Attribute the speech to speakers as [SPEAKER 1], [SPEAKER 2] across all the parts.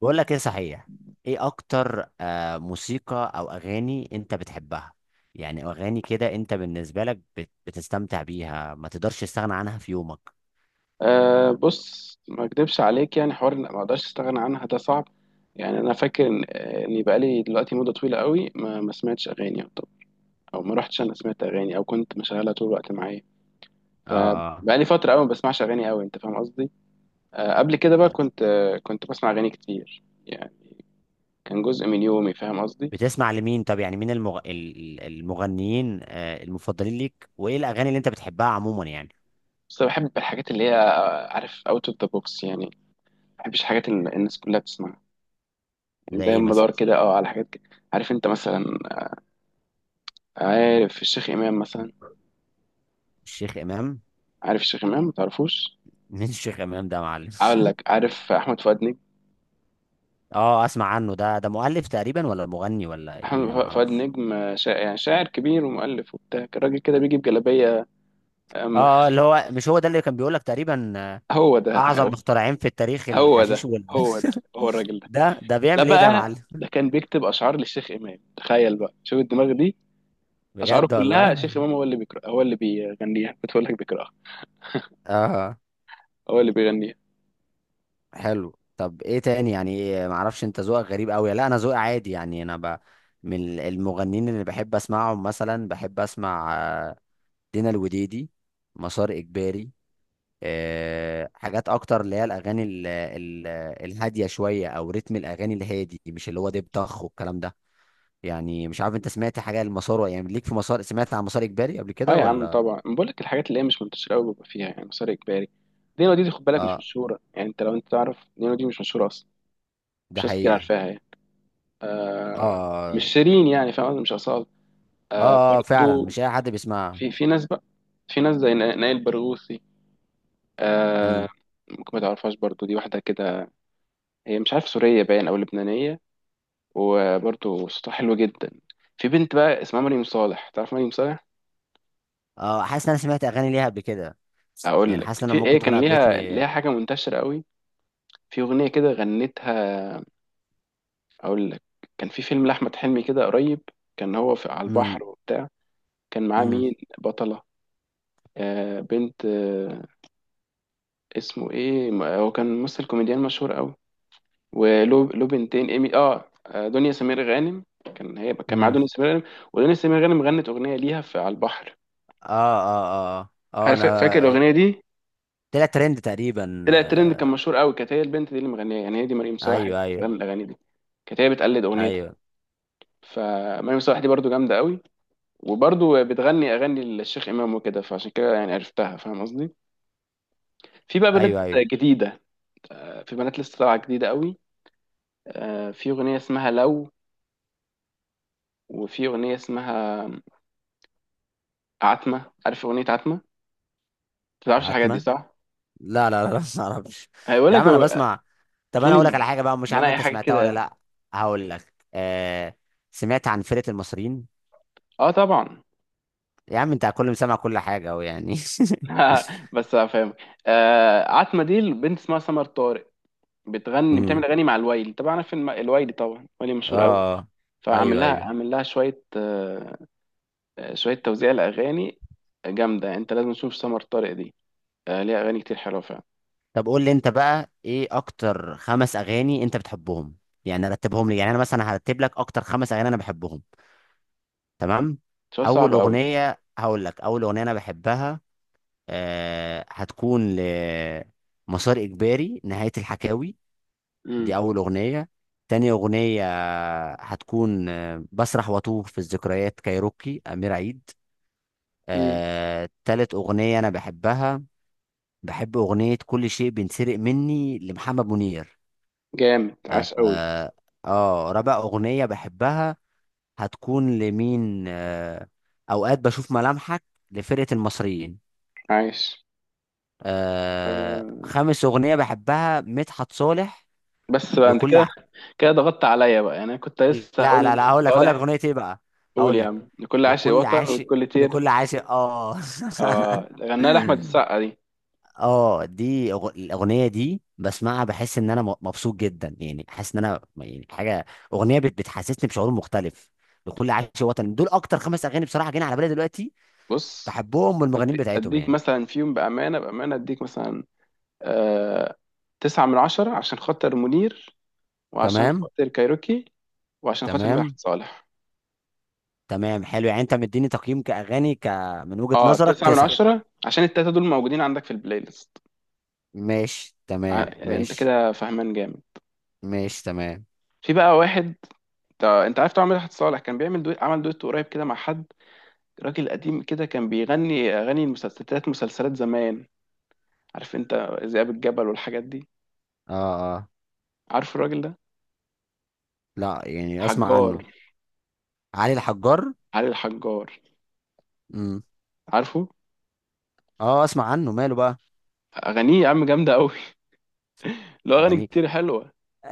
[SPEAKER 1] بقول لك ايه صحيح؟ ايه اكتر موسيقى او اغاني انت بتحبها؟ يعني اغاني كده انت بالنسبه لك بتستمتع بيها، ما تقدرش تستغنى عنها في يومك؟
[SPEAKER 2] بص، ما اكدبش عليك. يعني حوار ما اقدرش استغنى عنها، ده صعب. يعني انا فاكر ان آه، اني بقالي دلوقتي مده طويله قوي ما سمعتش اغاني، او ما رحتش انا سمعت اغاني او كنت مشغلها طول الوقت معايا.
[SPEAKER 1] اه. اه.
[SPEAKER 2] فبقالي فتره قوي ما بسمعش اغاني قوي، انت فاهم قصدي. قبل كده بقى كنت بسمع اغاني كتير، يعني كان جزء من يومي، فاهم قصدي.
[SPEAKER 1] بتسمع لمين؟ طب يعني مين المغنيين المفضلين ليك، وايه الاغاني اللي انت بتحبها عموما يعني؟
[SPEAKER 2] بس أنا بحب الحاجات اللي هي، عارف، اوت اوف ذا بوكس، يعني ما بحبش الحاجات اللي الناس كلها بتسمعها. يعني
[SPEAKER 1] زي ايه
[SPEAKER 2] دايما
[SPEAKER 1] مثلا؟
[SPEAKER 2] بدور كده على عارف انت مثلا، آه، عارف الشيخ امام مثلا؟
[SPEAKER 1] الشيخ امام.
[SPEAKER 2] عارف الشيخ إمام، ما تعرفوش؟
[SPEAKER 1] مين الشيخ امام ده يا معلم؟
[SPEAKER 2] أقول لك، عارف أحمد فؤاد نجم؟
[SPEAKER 1] اه، اسمع عنه. ده مؤلف تقريبا ولا مغني ولا ايه؟
[SPEAKER 2] أحمد
[SPEAKER 1] ده ما
[SPEAKER 2] فؤاد
[SPEAKER 1] اعرفش.
[SPEAKER 2] نجم، شاعر، يعني شاعر كبير ومؤلف وبتاع. الراجل كده بيجي بجلابية أما،
[SPEAKER 1] اه، اللي هو مش هو ده اللي كان بيقول لك تقريبا.
[SPEAKER 2] هو ده
[SPEAKER 1] اعظم مخترعين في التاريخ
[SPEAKER 2] هو
[SPEAKER 1] الحشيش
[SPEAKER 2] ده
[SPEAKER 1] وال
[SPEAKER 2] هو ده، هو الراجل ده.
[SPEAKER 1] ده
[SPEAKER 2] لا
[SPEAKER 1] بيعمل ايه ده يا
[SPEAKER 2] بقى،
[SPEAKER 1] معلم؟
[SPEAKER 2] ده كان بيكتب أشعار للشيخ إمام، تخيل بقى، شوف الدماغ دي. أشعاره
[SPEAKER 1] بجد
[SPEAKER 2] كلها
[SPEAKER 1] والله.
[SPEAKER 2] الشيخ إمام هو اللي بيقرأ، هو اللي بيغنيها، بتقول لك بيقرأها،
[SPEAKER 1] اه
[SPEAKER 2] هو اللي بيغنيها.
[SPEAKER 1] حلو. طب ايه تاني؟ يعني إيه، ما اعرفش. انت ذوقك غريب قوي. لا، انا ذوقي عادي يعني. من المغنيين اللي بحب اسمعهم مثلا بحب اسمع دينا الوديدي، مسار اجباري. حاجات اكتر اللي هي الاغاني الهاديه شويه، او رتم الاغاني الهادي، مش اللي هو دب طخ والكلام ده. يعني مش عارف انت سمعت حاجه، المسار يعني، ليك في مسار؟ سمعت عن مسار اجباري قبل
[SPEAKER 2] اه
[SPEAKER 1] كده
[SPEAKER 2] يا عم
[SPEAKER 1] ولا؟
[SPEAKER 2] طبعا، أنا بقول لك الحاجات اللي هي مش منتشرة قوي، بيبقى فيها يعني مسار إجباري. دينا دي خد بالك مش
[SPEAKER 1] اه.
[SPEAKER 2] مشهورة، يعني انت لو انت تعرف دينا دي مش مشهورة أصلا،
[SPEAKER 1] ده
[SPEAKER 2] مش ناس كتير
[SPEAKER 1] حقيقة.
[SPEAKER 2] عارفاها يعني.
[SPEAKER 1] اه
[SPEAKER 2] آه مش
[SPEAKER 1] اه
[SPEAKER 2] شيرين، يعني فاهم قصدي؟ مش أصالة،
[SPEAKER 1] اه. فعلا
[SPEAKER 2] برضو.
[SPEAKER 1] مش اي حد بيسمعها.
[SPEAKER 2] في ناس بقى، في ناس زي نائل برغوثي، آه
[SPEAKER 1] مم.
[SPEAKER 2] ممكن ما تعرفهاش برضو، دي واحدة كده، هي مش عارف، سورية باين أو لبنانية، وبرضو صوتها حلو جدا. في بنت بقى اسمها مريم صالح، تعرف مريم صالح؟
[SPEAKER 1] اه، حاسس ان انا سمعت اغاني ليها قبل كده.
[SPEAKER 2] أقول
[SPEAKER 1] يعني حاسس
[SPEAKER 2] لك
[SPEAKER 1] ان
[SPEAKER 2] في
[SPEAKER 1] انا
[SPEAKER 2] إيه،
[SPEAKER 1] ممكن تكون
[SPEAKER 2] كان ليها
[SPEAKER 1] قابلتني.
[SPEAKER 2] حاجة منتشرة قوي، في أغنية كده غنتها. أقول لك، كان في فيلم لأحمد حلمي كده قريب، كان هو في على
[SPEAKER 1] امم.
[SPEAKER 2] البحر وبتاع، كان معاه
[SPEAKER 1] امم.
[SPEAKER 2] مين بطلة، بنت، اسمه ايه، هو كان ممثل كوميديان مشهور قوي، وله بنتين، ايمي، دنيا سمير غانم، كان معاه
[SPEAKER 1] امم.
[SPEAKER 2] دنيا سمير غانم، ودنيا سمير غانم غنت اغنيه ليها في على البحر.
[SPEAKER 1] اه اه اه اه.
[SPEAKER 2] عارف
[SPEAKER 1] انا
[SPEAKER 2] فاكر الاغنيه؟ اه الاغنيه دي
[SPEAKER 1] طلع ترند تقريبا.
[SPEAKER 2] طلعت ترند، كان مشهور قوي، كانت هي البنت دي اللي مغنيها يعني، هي دي مريم صالح اللي
[SPEAKER 1] ايوه
[SPEAKER 2] كانت
[SPEAKER 1] ايوه
[SPEAKER 2] بتغني الاغاني دي، كانت هي بتقلد اغنيتها.
[SPEAKER 1] ايوه
[SPEAKER 2] فمريم صالح دي برضو جامده قوي، وبرضو بتغني اغاني للشيخ امام وكده، فعشان كده يعني عرفتها، فاهم قصدي. في بقى بنات
[SPEAKER 1] ايوه ايوه.
[SPEAKER 2] جديده، في بنات لسه طالعه جديده قوي، في اغنيه اسمها لو، وفي أغنية اسمها عتمة، عارف أغنية عتمة؟ ما تعرفش الحاجات دي
[SPEAKER 1] عتمة.
[SPEAKER 2] صح؟
[SPEAKER 1] لا لا لا لا، ما اعرفش.
[SPEAKER 2] هيقول
[SPEAKER 1] يا
[SPEAKER 2] لك
[SPEAKER 1] عم انا
[SPEAKER 2] هو-
[SPEAKER 1] بسمع. طب انا اقول لك
[SPEAKER 2] هتلاقيني
[SPEAKER 1] على حاجة بقى، مش عارف
[SPEAKER 2] بنقي
[SPEAKER 1] انت
[SPEAKER 2] حاجة
[SPEAKER 1] سمعتها ولا
[SPEAKER 2] كده.
[SPEAKER 1] لا. هقول لك. سمعت عن فرقة المصريين؟
[SPEAKER 2] اه طبعا.
[SPEAKER 1] يا عم انت كل مسمع، كل حاجة أهو يعني.
[SPEAKER 2] بس هفهمك. عتمة دي البنت اسمها سمر طارق، بتغني بتعمل أغاني مع الوايلي، طبعا عارف الوايلي طبعا، وايلي مشهور قوي.
[SPEAKER 1] اه.
[SPEAKER 2] فعامل
[SPEAKER 1] ايوه
[SPEAKER 2] لها،
[SPEAKER 1] ايوه.
[SPEAKER 2] عامل لها شوية شوية توزيع لأغاني جامدة، انت لازم تشوف سمر طارق دي، ليها أغاني كتير حلوة فعلا.
[SPEAKER 1] طب قول لي انت بقى، ايه اكتر خمس اغاني انت بتحبهم؟ يعني رتبهم لي. يعني انا مثلا هرتب لك اكتر خمس اغاني انا بحبهم. تمام.
[SPEAKER 2] شوية
[SPEAKER 1] اول
[SPEAKER 2] صعبة قوي.
[SPEAKER 1] اغنيه هقول لك، اول اغنيه انا بحبها هتكون لمسار اجباري، نهايه الحكاوي.
[SPEAKER 2] امم.
[SPEAKER 1] دي اول اغنيه. تاني اغنيه هتكون بسرح واتوه في الذكريات، كايروكي، امير عيد.
[SPEAKER 2] امم.
[SPEAKER 1] تالت اغنيه انا بحبها، بحب أغنية كل شيء بينسرق مني لمحمد منير.
[SPEAKER 2] جامد
[SPEAKER 1] آه,
[SPEAKER 2] عاش قوي.
[SPEAKER 1] آه, رابع أغنية بحبها هتكون لمين. أوقات بشوف ملامحك، لفرقة المصريين.
[SPEAKER 2] عاش. آه
[SPEAKER 1] خامس أغنية بحبها مدحت صالح،
[SPEAKER 2] بس بقى، انت
[SPEAKER 1] لكل
[SPEAKER 2] كده
[SPEAKER 1] ع...
[SPEAKER 2] ضغطت عليا بقى، يعني انا كنت لسه هقول
[SPEAKER 1] لا لا لا،
[SPEAKER 2] لمدحت
[SPEAKER 1] هقول لك
[SPEAKER 2] صالح.
[SPEAKER 1] أغنية إيه بقى.
[SPEAKER 2] قول
[SPEAKER 1] هقول
[SPEAKER 2] يا
[SPEAKER 1] لك،
[SPEAKER 2] عم، لكل عاشق
[SPEAKER 1] لكل
[SPEAKER 2] وطن
[SPEAKER 1] عاشق
[SPEAKER 2] ولكل طير.
[SPEAKER 1] لكل عاشق آه
[SPEAKER 2] غناها لاحمد السقا دي.
[SPEAKER 1] اه دي الاغنيه دي بسمعها بحس ان انا مبسوط جدا، يعني حاسس ان انا يعني حاجه، اغنيه بتحسسني بشعور مختلف. بكل عايش وطن. دول اكتر خمس اغاني بصراحه جايين على بالي دلوقتي
[SPEAKER 2] بص،
[SPEAKER 1] بحبهم، والمغنيين بتاعتهم
[SPEAKER 2] اديك
[SPEAKER 1] يعني.
[SPEAKER 2] مثلا في يوم بامانه، بامانه اديك مثلا، آه 9 من 10 عشان خاطر منير، وعشان
[SPEAKER 1] تمام.
[SPEAKER 2] خاطر كايروكي، وعشان خاطر
[SPEAKER 1] تمام
[SPEAKER 2] مدحت صالح.
[SPEAKER 1] تمام حلو. يعني انت مديني تقييم كاغاني من وجهه
[SPEAKER 2] اه
[SPEAKER 1] نظرك
[SPEAKER 2] تسعة من
[SPEAKER 1] تسعة.
[SPEAKER 2] عشرة عشان التلاتة دول موجودين عندك في البلاي ليست.
[SPEAKER 1] ماشي
[SPEAKER 2] ع-
[SPEAKER 1] تمام
[SPEAKER 2] انت
[SPEAKER 1] ماشي.
[SPEAKER 2] كده فهمان جامد.
[SPEAKER 1] ماشي تمام.
[SPEAKER 2] في بقى واحد، انت عارف طبعا مدحت صالح كان بيعمل دويت عمل دويت قريب كده مع حد، راجل قديم كده كان بيغني اغاني المسلسلات، مسلسلات زمان، عارف انت، ذئاب الجبل والحاجات دي.
[SPEAKER 1] اه اه.
[SPEAKER 2] عارف الراجل ده،
[SPEAKER 1] لا، يعني اسمع
[SPEAKER 2] حجار،
[SPEAKER 1] عنه. علي الحجار.
[SPEAKER 2] علي الحجار،
[SPEAKER 1] امم.
[SPEAKER 2] عارفه.
[SPEAKER 1] اه، اسمع عنه، ماله بقى؟
[SPEAKER 2] اغانيه يا عم جامده قوي. له اغاني
[SPEAKER 1] اغانيه؟
[SPEAKER 2] كتير حلوه.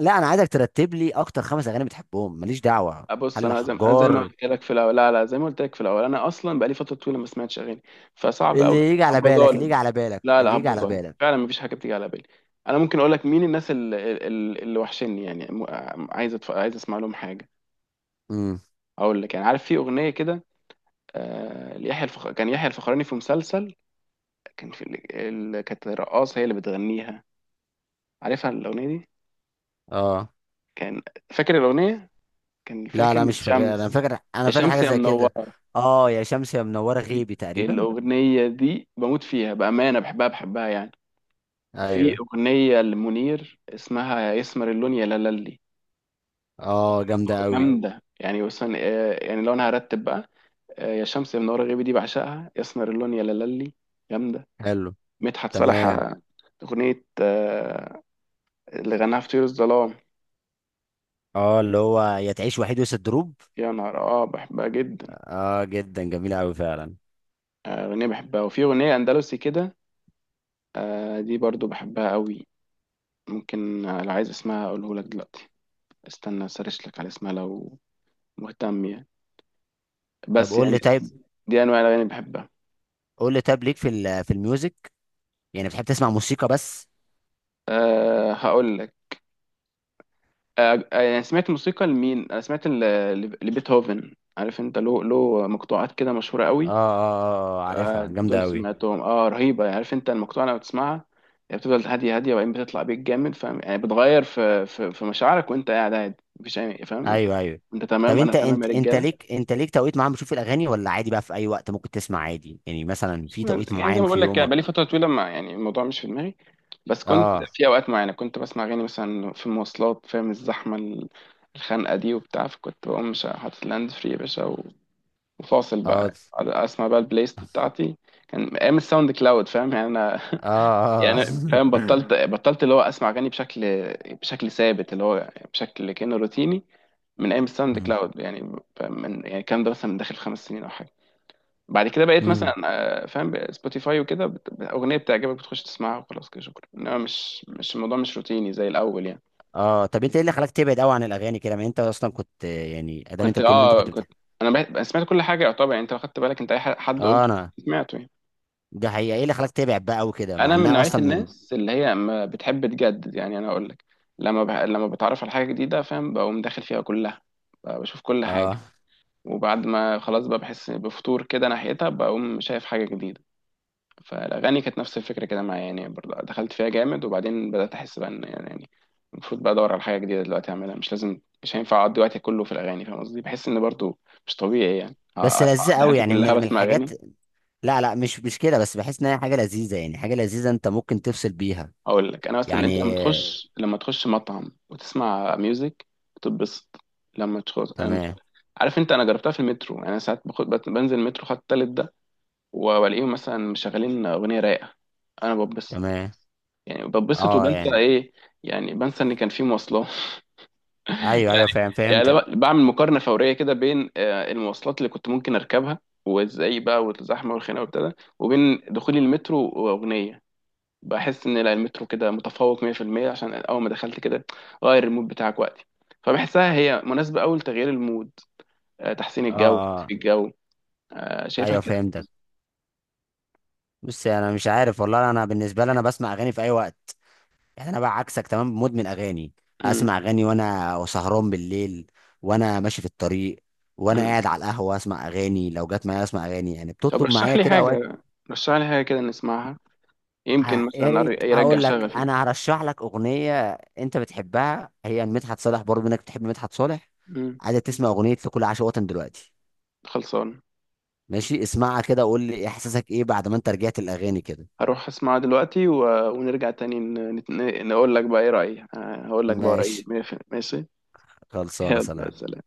[SPEAKER 1] لا انا عايزك ترتب لي اكتر خمس اغاني بتحبهم، ماليش دعوه.
[SPEAKER 2] بص،
[SPEAKER 1] علي
[SPEAKER 2] انا زي ما
[SPEAKER 1] الحجار.
[SPEAKER 2] قلت لك في الاول، لا لا، زي ما قلت لك في الاول، انا اصلا بقالي فتره طويله ما سمعتش اغاني، فصعب
[SPEAKER 1] اللي
[SPEAKER 2] قوي.
[SPEAKER 1] يجي على
[SPEAKER 2] هبقى
[SPEAKER 1] بالك، اللي
[SPEAKER 2] ظالم.
[SPEAKER 1] يجي على بالك،
[SPEAKER 2] لا لا،
[SPEAKER 1] اللي يجي
[SPEAKER 2] هبقى
[SPEAKER 1] على
[SPEAKER 2] ظالم
[SPEAKER 1] بالك.
[SPEAKER 2] فعلا، مفيش حاجه بتيجي على بالي. انا ممكن اقول لك مين الناس اللي وحشني يعني، عايز اسمع لهم حاجه.
[SPEAKER 1] امم.
[SPEAKER 2] اقول لك، يعني عارف في اغنيه كده، كان يحيى الفخراني في مسلسل، كان في ال... كانت رقاصة هي اللي بتغنيها، عارفها الأغنية دي؟
[SPEAKER 1] اه.
[SPEAKER 2] كان فاكر الأغنية؟ كان فيها
[SPEAKER 1] لا لا
[SPEAKER 2] كلمة
[SPEAKER 1] مش فاكر، انا
[SPEAKER 2] شمس،
[SPEAKER 1] فاكر
[SPEAKER 2] يا
[SPEAKER 1] انا فاكر
[SPEAKER 2] شمس
[SPEAKER 1] حاجه
[SPEAKER 2] يا
[SPEAKER 1] زي كده.
[SPEAKER 2] منورة.
[SPEAKER 1] اه، يا شمس يا منوره
[SPEAKER 2] دي-
[SPEAKER 1] غيبي تقريبا.
[SPEAKER 2] الأغنية دي بموت فيها بأمانة، بحبها بحبها يعني. وفي
[SPEAKER 1] ايوه.
[SPEAKER 2] أغنية لمنير اسمها يا يسمر اللون يا لالي،
[SPEAKER 1] اه جامده قوي.
[SPEAKER 2] جامدة. يعني مثلا، يعني لو أنا هرتب بقى، يا شمس يا منورة غيبي دي بعشقها، يسمر اللون يا لالي جامدة،
[SPEAKER 1] حلو.
[SPEAKER 2] مدحت صالح،
[SPEAKER 1] تمام.
[SPEAKER 2] أغنية، اللي غناها في طيور الظلام،
[SPEAKER 1] اه اللي هو يا تعيش وحيد وسط دروب.
[SPEAKER 2] يا نهار، بحبها جدا.
[SPEAKER 1] اه جدا، جميله قوي فعلا.
[SPEAKER 2] أغنية بحبها. وفي أغنية أندلسي كده، دي برضو بحبها قوي. ممكن، لو عايز اسمها أقوله لك دلوقتي، استنى سرش لك على اسمها لو مهتم، يعني
[SPEAKER 1] طب
[SPEAKER 2] بس
[SPEAKER 1] قول لي
[SPEAKER 2] يعني
[SPEAKER 1] طيب.
[SPEAKER 2] دي أنواع الأغاني اللي بحبها.
[SPEAKER 1] قول لي طيب، ليك في في الميوزك؟ يعني بتحب تسمع موسيقى بس؟
[SPEAKER 2] هقول لك، يعني سمعت موسيقى لمين؟ أنا سمعت لبيتهوفن، عارف أنت، له مقطوعات كده مشهورة
[SPEAKER 1] اه
[SPEAKER 2] قوي،
[SPEAKER 1] اه اه، عارفها جامده
[SPEAKER 2] دول
[SPEAKER 1] قوي.
[SPEAKER 2] سمعتهم، رهيبة يعني. عارف انت، المقطوعة لما بتسمعها يعني بتفضل هادية هادية، وبعدين بتطلع بيك جامد، فاهم يعني، بتغير في في مشاعرك وانت قاعد عادي، مفيش اي، فاهم انت.
[SPEAKER 1] ايوه ايوه.
[SPEAKER 2] انت
[SPEAKER 1] طب
[SPEAKER 2] تمام، انا
[SPEAKER 1] انت
[SPEAKER 2] تمام يا
[SPEAKER 1] انت انت
[SPEAKER 2] رجالة.
[SPEAKER 1] ليك انت ليك توقيت معين بتشوف الاغاني، ولا عادي بقى في اي وقت ممكن تسمع عادي؟ يعني مثلا في توقيت
[SPEAKER 2] يعني زي
[SPEAKER 1] معين
[SPEAKER 2] ما
[SPEAKER 1] في
[SPEAKER 2] بقول لك
[SPEAKER 1] يومك.
[SPEAKER 2] بقالي فترة طويلة، ما يعني الموضوع مش في دماغي. بس كنت
[SPEAKER 1] اه
[SPEAKER 2] في اوقات معينة كنت بسمع اغاني، مثلا في المواصلات، فاهم، الزحمة الخنقة دي وبتاع، فكنت بقوم مش حاطط لاند فري يا باشا وفاصل
[SPEAKER 1] اه
[SPEAKER 2] بقى أقعد اسمع بقى البلاي ليست بتاعتي. كان ايام الساوند كلاود، فاهم يعني انا،
[SPEAKER 1] اه اه.
[SPEAKER 2] يعني فاهم، بطلت اللي هو اسمع اغاني بشكل، ثابت، اللي هو بشكل كانه روتيني، من ايام الساوند
[SPEAKER 1] مم،
[SPEAKER 2] كلاود، يعني فاهم؟ من، يعني الكلام ده مثلا من داخل 5 سنين او حاجه. بعد كده بقيت مثلا،
[SPEAKER 1] مم.
[SPEAKER 2] فاهم، سبوتيفاي وكده، اغنيه بتعجبك بتخش تسمعها وخلاص كده شكرا، انما مش، الموضوع مش روتيني زي الاول يعني.
[SPEAKER 1] اه طب انت ايه اللي خلاك تبعد قوي عن الاغاني كده؟ ما انت اصلا كنت، يعني ادام انت
[SPEAKER 2] كنت
[SPEAKER 1] بتقول ان انت
[SPEAKER 2] اه
[SPEAKER 1] كنت
[SPEAKER 2] كنت
[SPEAKER 1] بتحب.
[SPEAKER 2] انا بقيت- سمعت كل حاجه يعتبر، يعني انت لو خدت بالك، انت اي حد
[SPEAKER 1] اه.
[SPEAKER 2] قلته
[SPEAKER 1] انا.
[SPEAKER 2] سمعته يعني.
[SPEAKER 1] ده حقيقه. ايه اللي خلاك تبعد بقى قوي كده مع
[SPEAKER 2] انا من
[SPEAKER 1] انها
[SPEAKER 2] نوعيه
[SPEAKER 1] اصلا من.
[SPEAKER 2] الناس اللي هي ما بتحب تجدد، يعني انا اقول لك، لما بتعرف على حاجه جديده، فاهم، بقوم داخل فيها كلها، بقى بشوف كل
[SPEAKER 1] اه.
[SPEAKER 2] حاجه، وبعد ما خلاص بقى بحس بفتور كده ناحيتها، بقوم شايف حاجه جديده. فالاغاني كانت نفس الفكره كده معايا يعني، برضه دخلت فيها جامد، وبعدين بدات احس بقى ان، يعني المفروض بقى ادور على حاجه جديده دلوقتي اعملها، مش لازم، مش هينفع اقضي وقتي كله في الاغاني، فاهم قصدي، بحس ان برضه مش طبيعي يعني
[SPEAKER 1] بس لذيذه
[SPEAKER 2] اقضي
[SPEAKER 1] قوي
[SPEAKER 2] حياتي
[SPEAKER 1] يعني من
[SPEAKER 2] كلها
[SPEAKER 1] من
[SPEAKER 2] بسمع
[SPEAKER 1] الحاجات.
[SPEAKER 2] اغاني.
[SPEAKER 1] لا لا مش كده، بس بحس ان هي حاجه لذيذه، يعني حاجه لذيذه انت ممكن تفصل بيها
[SPEAKER 2] هقول لك، انا مثلا
[SPEAKER 1] يعني.
[SPEAKER 2] انت لما تخش مطعم وتسمع ميوزك بتتبسط. لما تخش
[SPEAKER 1] تمام.
[SPEAKER 2] عارف انت، انا جربتها في المترو، يعني انا ساعات باخد بنزل المترو خط التالت ده، والاقيهم مثلا مشغلين اغنيه رايقه، انا ببسط.
[SPEAKER 1] تمام.
[SPEAKER 2] يعني ببسط
[SPEAKER 1] اه
[SPEAKER 2] وبنسى
[SPEAKER 1] يعني.
[SPEAKER 2] ايه، يعني بنسى ان كان في مواصلات.
[SPEAKER 1] ايوه ايوه
[SPEAKER 2] يعني
[SPEAKER 1] فاهم،
[SPEAKER 2] يعني أنا
[SPEAKER 1] فهمتك.
[SPEAKER 2] بعمل مقارنه فوريه كده بين، المواصلات اللي كنت ممكن اركبها وازاي بقى والزحمه والخناقه وابتدى، وبين دخولي المترو واغنيه، بحس ان لا، المترو كده متفوق 100% عشان اول ما دخلت كده غير المود بتاعك وقتي، فبحسها هي مناسبة أوي لتغيير المود، تحسين
[SPEAKER 1] اه
[SPEAKER 2] الجو،
[SPEAKER 1] اه.
[SPEAKER 2] تطفي الجو، شايفها
[SPEAKER 1] ايوه
[SPEAKER 2] كده.
[SPEAKER 1] فهمتك. بص انا مش عارف والله، انا بالنسبه لي انا بسمع اغاني في اي وقت. يعني انا بقى عكسك تمام، مدمن اغاني.
[SPEAKER 2] مم.
[SPEAKER 1] اسمع اغاني وانا سهران بالليل، وانا ماشي في الطريق، وانا
[SPEAKER 2] مم.
[SPEAKER 1] قاعد على القهوه اسمع اغاني، لو جت معايا اسمع اغاني، يعني
[SPEAKER 2] طب
[SPEAKER 1] بتطلب معايا
[SPEAKER 2] رشح لي
[SPEAKER 1] كده اوقات.
[SPEAKER 2] حاجة، رشح لي حاجة كده نسمعها، يمكن
[SPEAKER 1] يا
[SPEAKER 2] مثلا
[SPEAKER 1] ريت.
[SPEAKER 2] يرجع
[SPEAKER 1] هقول لك
[SPEAKER 2] شغفي.
[SPEAKER 1] انا هرشح لك اغنيه انت بتحبها، هي مدحت صالح، برضه منك بتحب مدحت صالح؟
[SPEAKER 2] مم.
[SPEAKER 1] عايزه تسمع اغنيه لكل عاشق وطن دلوقتي؟
[SPEAKER 2] خلصان.
[SPEAKER 1] ماشي، اسمعها كده وقول لي احساسك ايه بعد ما انت رجعت الاغاني كده.
[SPEAKER 2] هروح اسمعها دلوقتي ونرجع تاني، نقول لك بقى ايه رأيي، هقول لك بقى رأيي.
[SPEAKER 1] ماشي.
[SPEAKER 2] ماشي ماشي؟
[SPEAKER 1] خلصانه،
[SPEAKER 2] يلا
[SPEAKER 1] سلام.
[SPEAKER 2] سلام.